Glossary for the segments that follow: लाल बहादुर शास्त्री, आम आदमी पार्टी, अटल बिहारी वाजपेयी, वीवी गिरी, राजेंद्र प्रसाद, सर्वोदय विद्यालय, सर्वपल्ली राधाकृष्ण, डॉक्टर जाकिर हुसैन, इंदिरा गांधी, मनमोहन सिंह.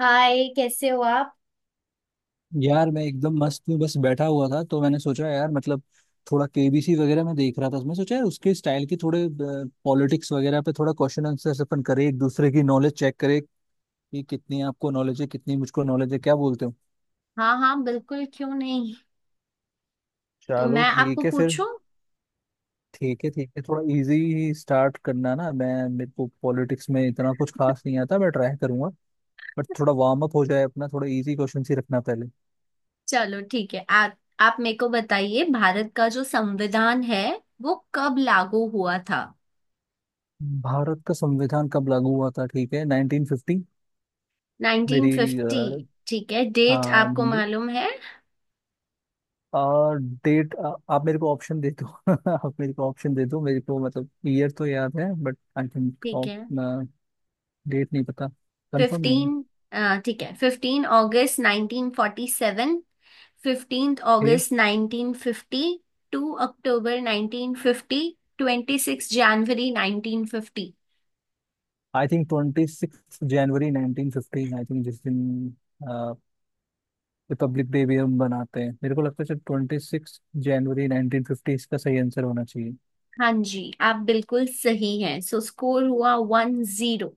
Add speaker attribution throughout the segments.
Speaker 1: हाय, कैसे हो आप?
Speaker 2: यार मैं एकदम मस्त हूँ। बस बैठा हुआ था तो मैंने सोचा यार थोड़ा केबीसी वगैरह में देख रहा था तो मैं सोचा यार उसके स्टाइल की थोड़े पॉलिटिक्स वगैरह पे थोड़ा क्वेश्चन आंसर अपन करें, एक दूसरे की नॉलेज चेक करें कि कितनी आपको नॉलेज है कितनी मुझको नॉलेज है। क्या बोलते हो?
Speaker 1: हाँ हाँ, बिल्कुल। क्यों नहीं? तो
Speaker 2: चलो
Speaker 1: मैं आपको
Speaker 2: ठीक है फिर।
Speaker 1: पूछूं।
Speaker 2: ठीक है ठीक है, थोड़ा इजी स्टार्ट करना ना। मैं, मेरे को पॉलिटिक्स में इतना कुछ खास नहीं आता, मैं ट्राई करूंगा बट थोड़ा वार्म अप हो जाए अपना, थोड़ा इजी क्वेश्चन ही रखना पहले।
Speaker 1: चलो, ठीक है। आप मेरे को बताइए, भारत का जो संविधान है वो कब लागू हुआ था?
Speaker 2: भारत का संविधान कब लागू हुआ था? ठीक है, 1950। मेरी,
Speaker 1: 1950? ठीक है, डेट
Speaker 2: हाँ
Speaker 1: आपको मालूम है?
Speaker 2: और डेट, आप मेरे को ऑप्शन दे दो। आप मेरे को ऑप्शन दे दो, मेरे को ईयर तो याद है बट आई थिंक
Speaker 1: ठीक है,
Speaker 2: डेट नहीं पता, कंफर्म नहीं
Speaker 1: 15। ठीक है, 15 अगस्त 1947। 15
Speaker 2: है।
Speaker 1: अगस्त 1950। 2 अक्टूबर 1950। 26 जनवरी 1950।
Speaker 2: आई थिंक ट्वेंटी सिक्स जनवरी नाइनटीन फिफ्टीन, आई थिंक जिस दिन रिपब्लिक डे भी हम बनाते हैं। मेरे को लगता है ट्वेंटी सिक्स जनवरी नाइनटीन फिफ्टी इसका सही आंसर होना चाहिए।
Speaker 1: हाँ जी, आप बिल्कुल सही हैं। सो स्कोर हुआ 1-0।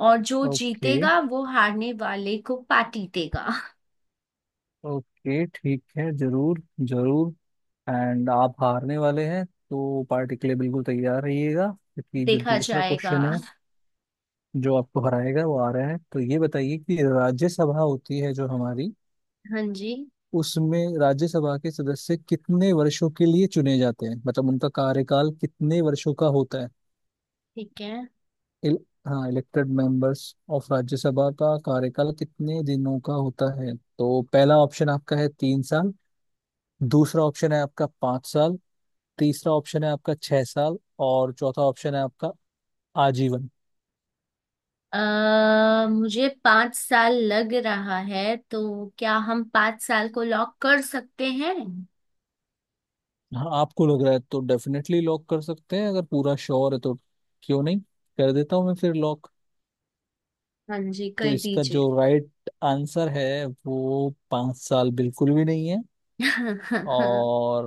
Speaker 1: और जो
Speaker 2: ओके,
Speaker 1: जीतेगा वो हारने वाले को पार्टी देगा।
Speaker 2: ओके ठीक है, जरूर जरूर। एंड आप हारने वाले हैं तो पार्टी के लिए बिल्कुल तैयार रहिएगा, क्योंकि जो
Speaker 1: देखा
Speaker 2: दूसरा
Speaker 1: जाएगा।
Speaker 2: क्वेश्चन है, जो आपको हराएगा, वो आ रहा है। तो ये बताइए कि राज्यसभा होती है जो हमारी,
Speaker 1: हाँ जी।
Speaker 2: उसमें राज्यसभा के सदस्य कितने वर्षों के लिए चुने जाते हैं, मतलब उनका कार्यकाल कितने वर्षों का होता है।
Speaker 1: ठीक है।
Speaker 2: इल, हाँ, इलेक्टेड मेंबर्स ऑफ राज्यसभा का कार्यकाल कितने दिनों का होता है? तो पहला ऑप्शन आपका है तीन साल, दूसरा ऑप्शन है आपका पाँच साल, तीसरा ऑप्शन है आपका छह साल, और चौथा ऑप्शन है आपका आजीवन।
Speaker 1: अ मुझे 5 साल लग रहा है, तो क्या हम 5 साल को लॉक कर सकते हैं?
Speaker 2: हाँ, आपको लग रहा है तो डेफिनेटली लॉक कर सकते हैं। अगर पूरा श्योर है तो क्यों नहीं, कर देता हूँ मैं फिर लॉक।
Speaker 1: हाँ जी,
Speaker 2: तो
Speaker 1: कर
Speaker 2: इसका जो
Speaker 1: दीजिए।
Speaker 2: राइट आंसर है वो पाँच साल बिल्कुल भी नहीं है। और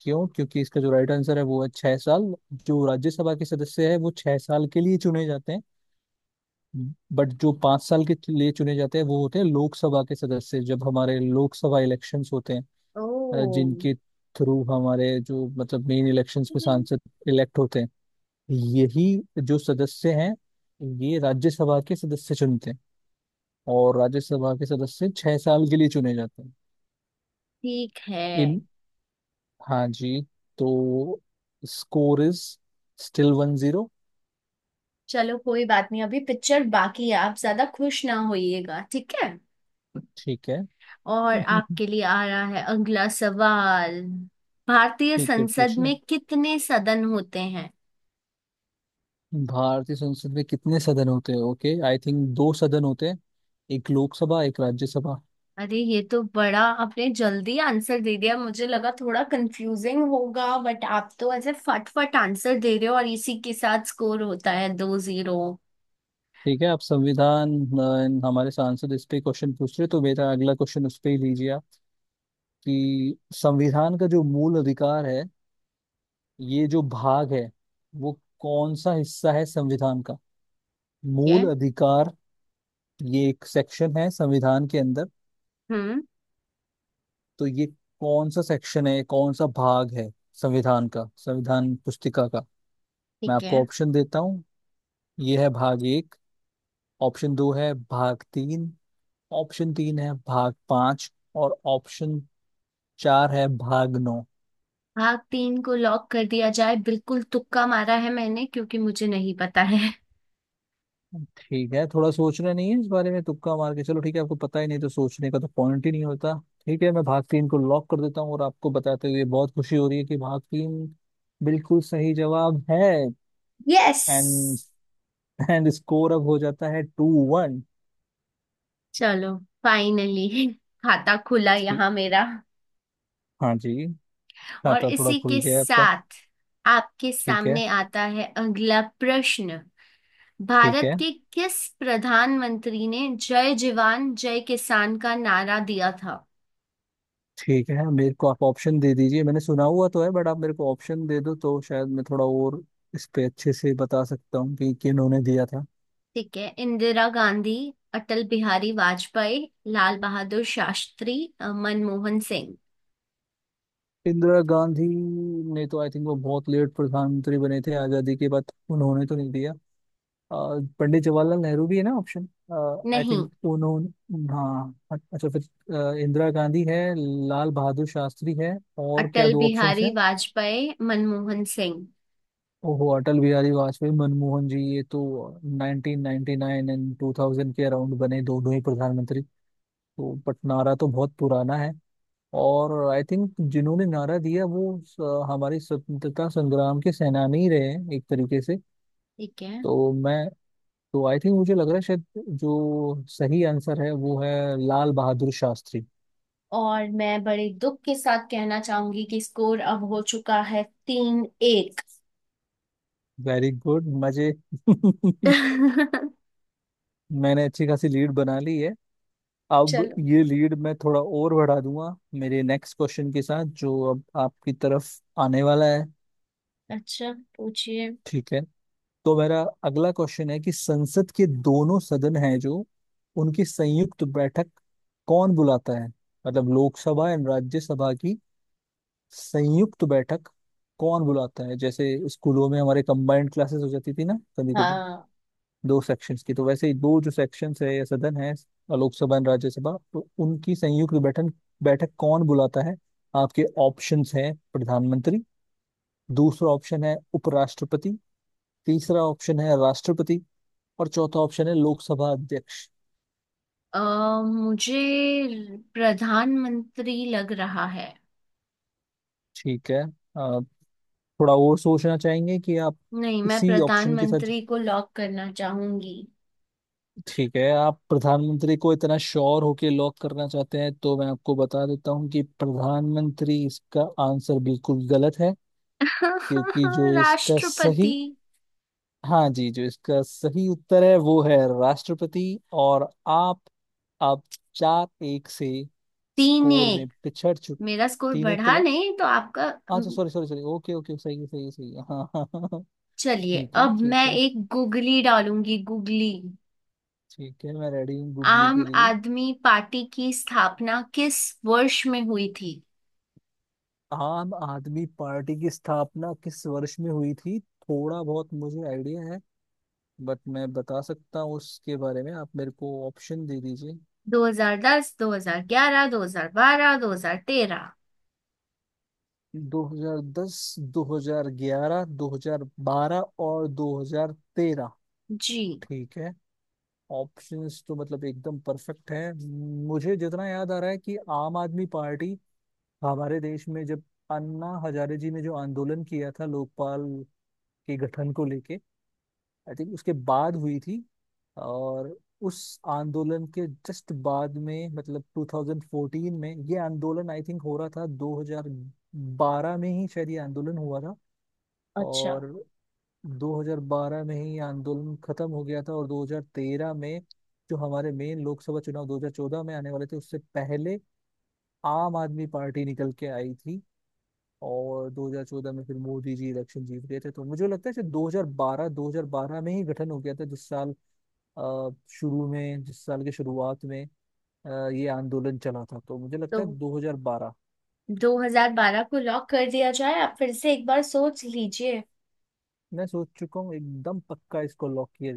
Speaker 2: क्यों? क्योंकि इसका जो राइट आंसर है वो है छह साल। जो राज्यसभा के सदस्य है वो छह साल के लिए चुने जाते हैं। बट जो पाँच साल के लिए चुने जाते हैं वो होते हैं लोकसभा के सदस्य, जब हमारे लोकसभा इलेक्शंस होते हैं
Speaker 1: ओ।
Speaker 2: जिनके थ्रू हमारे जो मेन इलेक्शंस में
Speaker 1: ठीक
Speaker 2: सांसद इलेक्ट होते हैं, यही जो सदस्य हैं, ये राज्यसभा के सदस्य चुनते हैं, और राज्यसभा के सदस्य छह साल के लिए चुने जाते हैं।
Speaker 1: है।
Speaker 2: इन, हाँ जी। तो score is still one zero.
Speaker 1: चलो, कोई बात नहीं, अभी पिक्चर बाकी है। आप ज्यादा खुश ना होइएगा, ठीक है?
Speaker 2: ठीक है।
Speaker 1: और आपके लिए आ रहा है अगला सवाल। भारतीय
Speaker 2: ठीक है,
Speaker 1: संसद
Speaker 2: पूछिए।
Speaker 1: में कितने सदन होते हैं?
Speaker 2: भारतीय संसद में कितने सदन होते हैं? ओके, आई थिंक दो सदन होते हैं, एक लोकसभा एक राज्यसभा।
Speaker 1: अरे, ये तो बड़ा आपने जल्दी आंसर दे दिया। मुझे लगा थोड़ा कंफ्यूजिंग होगा, बट आप तो ऐसे फटफट आंसर दे रहे हो। और इसी के साथ स्कोर होता है 2-0।
Speaker 2: ठीक है, आप संविधान, हमारे सांसद इस पे क्वेश्चन पूछ रहे तो मेरा अगला क्वेश्चन उस पे ही लीजिए आप। कि संविधान का जो मूल अधिकार है, ये जो भाग है, वो कौन सा हिस्सा है संविधान का?
Speaker 1: ठीक है।
Speaker 2: मूल अधिकार, ये एक सेक्शन है संविधान के अंदर।
Speaker 1: हम्म।
Speaker 2: तो ये कौन सा सेक्शन है, कौन सा भाग है संविधान का, संविधान पुस्तिका का? मैं
Speaker 1: ठीक
Speaker 2: आपको
Speaker 1: है,
Speaker 2: ऑप्शन देता हूँ। ये है भाग एक, ऑप्शन दो है भाग तीन, ऑप्शन तीन है भाग पांच, और ऑप्शन चार है भागनो।
Speaker 1: भाग तीन को लॉक कर दिया जाए। बिल्कुल तुक्का मारा है मैंने, क्योंकि मुझे नहीं पता है।
Speaker 2: ठीक है, थोड़ा सोचना नहीं है इस बारे में, तुक्का मार के। चलो ठीक है, आपको पता ही नहीं तो सोचने का तो पॉइंट ही नहीं होता। ठीक है, मैं भाग तीन को लॉक कर देता हूँ और आपको बताते हुए बहुत खुशी हो रही है कि भाग तीन बिल्कुल सही जवाब है।
Speaker 1: यस।
Speaker 2: एंड एंड स्कोर अब हो जाता है टू वन।
Speaker 1: चलो, फाइनली खाता खुला
Speaker 2: ठीक,
Speaker 1: यहाँ मेरा।
Speaker 2: हाँ जी,
Speaker 1: और
Speaker 2: खाता थोड़ा
Speaker 1: इसी
Speaker 2: खुल
Speaker 1: के
Speaker 2: गया है आपका।
Speaker 1: साथ आपके
Speaker 2: ठीक है,
Speaker 1: सामने आता है अगला प्रश्न।
Speaker 2: ठीक
Speaker 1: भारत
Speaker 2: है।
Speaker 1: के किस प्रधानमंत्री ने जय जवान जय किसान का नारा दिया था?
Speaker 2: ठीक है, मेरे को आप ऑप्शन दे दीजिए। मैंने सुना हुआ तो है बट आप मेरे को ऑप्शन दे दो तो शायद मैं थोड़ा और इस पे अच्छे से बता सकता हूँ कि किन्होंने दिया था।
Speaker 1: ठीक है। इंदिरा गांधी, अटल बिहारी वाजपेयी, लाल बहादुर शास्त्री, मनमोहन सिंह।
Speaker 2: इंदिरा गांधी ने तो आई थिंक, वो बहुत लेट प्रधानमंत्री बने थे आजादी के बाद, उन्होंने तो नहीं दिया। अ, पंडित जवाहरलाल नेहरू भी है ना ऑप्शन? आई
Speaker 1: नहीं।
Speaker 2: थिंक उन्होंने, हाँ। अच्छा फिर, इंदिरा गांधी है, लाल बहादुर शास्त्री है, और क्या
Speaker 1: अटल
Speaker 2: दो ऑप्शन
Speaker 1: बिहारी
Speaker 2: हैं?
Speaker 1: वाजपेयी, मनमोहन सिंह।
Speaker 2: ओहो, अटल बिहारी वाजपेयी मनमोहन जी, ये तो 1999 एंड 2000 के अराउंड बने दोनों ही प्रधानमंत्री। तो बट नारा तो बहुत पुराना है, और आई थिंक जिन्होंने नारा दिया वो हमारे स्वतंत्रता संग्राम के सेनानी ही रहे हैं एक तरीके से।
Speaker 1: ठीक है।
Speaker 2: तो मैं, तो आई थिंक मुझे लग रहा है शायद जो सही आंसर है वो है लाल बहादुर शास्त्री।
Speaker 1: और मैं बड़े दुख के साथ कहना चाहूंगी कि स्कोर अब हो चुका है 3-1।
Speaker 2: वेरी गुड, मजे। मैंने अच्छी खासी लीड बना ली है। अब
Speaker 1: चलो।
Speaker 2: ये लीड मैं थोड़ा और बढ़ा दूंगा मेरे नेक्स्ट क्वेश्चन के साथ, जो अब आपकी तरफ आने वाला है।
Speaker 1: अच्छा, पूछिए।
Speaker 2: ठीक है, तो मेरा अगला क्वेश्चन है कि संसद के दोनों सदन हैं जो, उनकी संयुक्त बैठक कौन बुलाता है? मतलब लोकसभा एंड राज्यसभा की संयुक्त बैठक कौन बुलाता है? जैसे स्कूलों में हमारे कंबाइंड क्लासेस हो जाती थी ना कभी कभी,
Speaker 1: हाँ।
Speaker 2: दो सेक्शंस की। तो वैसे ही दो जो सेक्शंस है या सदन है, लोकसभा एंड राज्यसभा, तो उनकी संयुक्त बैठक, बैठक कौन बुलाता है? आपके ऑप्शंस हैं, प्रधानमंत्री, दूसरा ऑप्शन है उपराष्ट्रपति, तीसरा ऑप्शन है राष्ट्रपति, और चौथा ऑप्शन है लोकसभा अध्यक्ष।
Speaker 1: अ, मुझे प्रधानमंत्री लग रहा है।
Speaker 2: ठीक है, अ, थोड़ा और सोचना चाहेंगे कि आप,
Speaker 1: नहीं, मैं
Speaker 2: इसी ऑप्शन के साथ?
Speaker 1: प्रधानमंत्री को लॉक करना चाहूंगी।
Speaker 2: ठीक है, आप प्रधानमंत्री को इतना श्योर होके लॉक करना चाहते हैं, तो मैं आपको बता देता हूँ कि प्रधानमंत्री इसका आंसर बिल्कुल गलत है। क्योंकि जो इसका सही,
Speaker 1: राष्ट्रपति?
Speaker 2: हाँ जी, जो इसका सही उत्तर है वो है राष्ट्रपति। और आप अब चार एक से
Speaker 1: तीन
Speaker 2: स्कोर में
Speaker 1: एक
Speaker 2: पिछड़ चुके।
Speaker 1: मेरा स्कोर
Speaker 2: तीन एक तो,
Speaker 1: बढ़ा नहीं, तो आपका।
Speaker 2: अच्छा sorry sorry sorry, okay okay, सही है सही है सही है, हाँ हाँ हाँ हाँ।
Speaker 1: चलिए,
Speaker 2: ठीक है,
Speaker 1: अब मैं
Speaker 2: ठीक है।
Speaker 1: एक गुगली डालूंगी, गुगली।
Speaker 2: ठीक है, मैं रेडी हूँ गुगली
Speaker 1: आम
Speaker 2: के लिए।
Speaker 1: आदमी पार्टी की स्थापना किस वर्ष में हुई थी?
Speaker 2: आम आदमी पार्टी की स्थापना किस वर्ष में हुई थी, थोड़ा बहुत मुझे आइडिया है, बट मैं बता सकता हूँ उसके बारे में। आप मेरे को ऑप्शन दे दीजिए।
Speaker 1: 2010, 2011, 2012, 2013?
Speaker 2: 2010, 2011, 2012 और 2013।
Speaker 1: जी।
Speaker 2: ठीक है, ऑप्शंस तो मतलब एकदम परफेक्ट है। मुझे जितना याद आ रहा है कि आम आदमी पार्टी हमारे देश में, जब अन्ना हजारे जी ने जो आंदोलन किया था लोकपाल के गठन को लेके, आई थिंक उसके बाद हुई थी। और उस आंदोलन के जस्ट बाद में, मतलब 2014 में ये आंदोलन आई थिंक हो रहा था, 2012 में ही शायद ये आंदोलन हुआ था।
Speaker 1: अच्छा।
Speaker 2: और 2012 में ही ये आंदोलन खत्म हो गया था, और 2013 में, जो हमारे मेन लोकसभा चुनाव 2014 में आने वाले थे उससे पहले, आम आदमी पार्टी निकल के आई थी। और 2014 में फिर मोदी जी इलेक्शन जीत गए थे। तो मुझे लगता है कि 2012 में ही गठन हो गया था, जिस साल, शुरू में जिस साल की शुरुआत में ये आंदोलन चला था, तो मुझे
Speaker 1: तो
Speaker 2: लगता है 2012।
Speaker 1: 2012 को लॉक कर दिया जाए? आप फिर से एक बार सोच लीजिए।
Speaker 2: मैं सोच चुका हूँ एकदम पक्का, इसको लॉक किया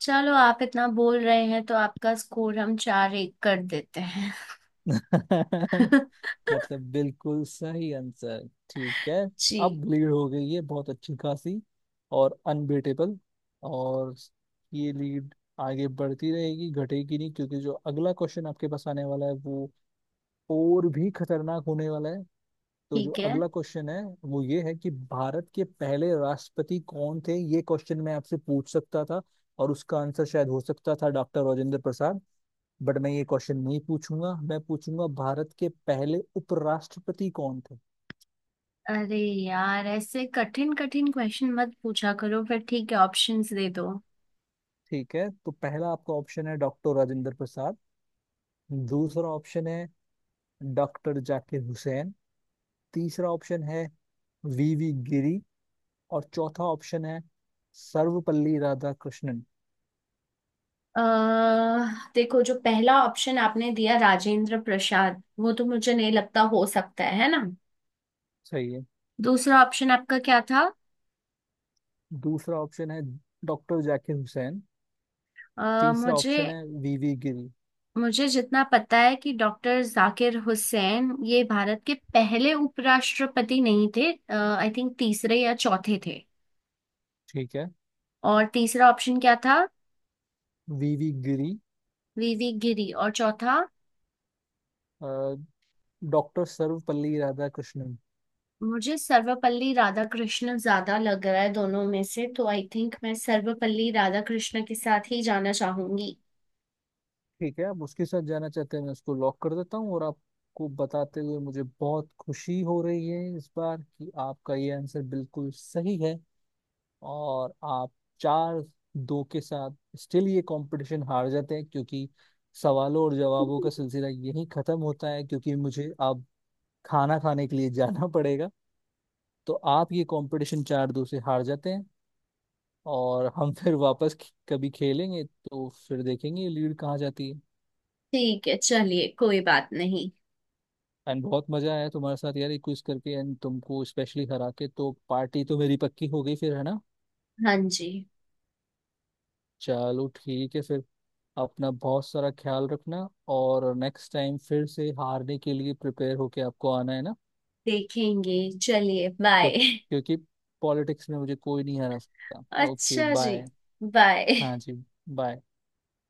Speaker 1: चलो, आप इतना बोल रहे हैं तो आपका स्कोर हम 4-1 कर देते हैं।
Speaker 2: जाए। मतलब बिल्कुल सही आंसर, ठीक है।
Speaker 1: जी।
Speaker 2: अब लीड हो गई है बहुत अच्छी खासी और अनबीटेबल। और ये लीड आगे बढ़ती रहेगी, घटेगी नहीं, क्योंकि जो अगला क्वेश्चन आपके पास आने वाला है वो और भी खतरनाक होने वाला है। तो जो
Speaker 1: ठीक है।
Speaker 2: अगला क्वेश्चन है वो ये है कि भारत के पहले राष्ट्रपति कौन थे, ये क्वेश्चन मैं आपसे पूछ सकता था, और उसका आंसर शायद हो सकता था डॉक्टर राजेंद्र प्रसाद। बट मैं ये क्वेश्चन नहीं पूछूंगा, मैं पूछूंगा भारत के पहले उपराष्ट्रपति कौन थे?
Speaker 1: अरे यार, ऐसे कठिन कठिन क्वेश्चन मत पूछा करो फिर। ठीक है, ऑप्शंस दे दो।
Speaker 2: ठीक है, तो पहला आपका ऑप्शन है डॉक्टर राजेंद्र प्रसाद, दूसरा ऑप्शन है डॉक्टर जाकिर हुसैन, तीसरा ऑप्शन है वीवी गिरी, और चौथा ऑप्शन है सर्वपल्ली राधाकृष्णन।
Speaker 1: अह देखो, जो पहला ऑप्शन आपने दिया राजेंद्र प्रसाद, वो तो मुझे नहीं लगता हो सकता है ना?
Speaker 2: सही है।
Speaker 1: दूसरा ऑप्शन आपका क्या था?
Speaker 2: दूसरा ऑप्शन है डॉक्टर जाकिर हुसैन,
Speaker 1: अह
Speaker 2: तीसरा
Speaker 1: मुझे
Speaker 2: ऑप्शन है वीवी गिरी।
Speaker 1: मुझे जितना पता है कि डॉक्टर जाकिर हुसैन ये भारत के पहले उपराष्ट्रपति नहीं थे। आई थिंक तीसरे या चौथे थे।
Speaker 2: ठीक है,
Speaker 1: और तीसरा ऑप्शन क्या था?
Speaker 2: वीवी गिरी,
Speaker 1: वीवी गिरी। और चौथा?
Speaker 2: अ, डॉक्टर सर्वपल्ली राधाकृष्णन।
Speaker 1: मुझे सर्वपल्ली राधाकृष्ण ज्यादा लग रहा है दोनों में से, तो आई थिंक मैं सर्वपल्ली राधाकृष्ण के साथ ही जाना चाहूंगी।
Speaker 2: ठीक है, आप उसके साथ जाना चाहते हैं, मैं उसको लॉक कर देता हूँ और आपको बताते हुए मुझे बहुत खुशी हो रही है इस बार कि आपका ये आंसर बिल्कुल सही है। और आप चार दो के साथ स्टिल ये कंपटीशन हार जाते हैं, क्योंकि सवालों और जवाबों का सिलसिला यहीं खत्म होता है, क्योंकि मुझे अब खाना खाने के लिए जाना पड़ेगा। तो आप ये कंपटीशन चार दो से हार जाते हैं, और हम फिर वापस कभी खेलेंगे तो फिर देखेंगे लीड कहाँ जाती है।
Speaker 1: ठीक है, चलिए, कोई बात नहीं।
Speaker 2: एंड बहुत मजा आया तुम्हारे साथ यार ये क्विज करके, एंड तुमको स्पेशली हरा के तो पार्टी तो मेरी पक्की हो गई फिर, है ना?
Speaker 1: हाँ जी।
Speaker 2: चलो ठीक है फिर, अपना बहुत सारा ख्याल रखना, और नेक्स्ट टाइम फिर से हारने के लिए प्रिपेयर होके आपको आना है, ना?
Speaker 1: देखेंगे। चलिए,
Speaker 2: तो
Speaker 1: बाय।
Speaker 2: क्योंकि पॉलिटिक्स में मुझे कोई नहीं हरा सकता। ओके
Speaker 1: अच्छा जी,
Speaker 2: बाय।
Speaker 1: बाय।
Speaker 2: हाँ जी, बाय।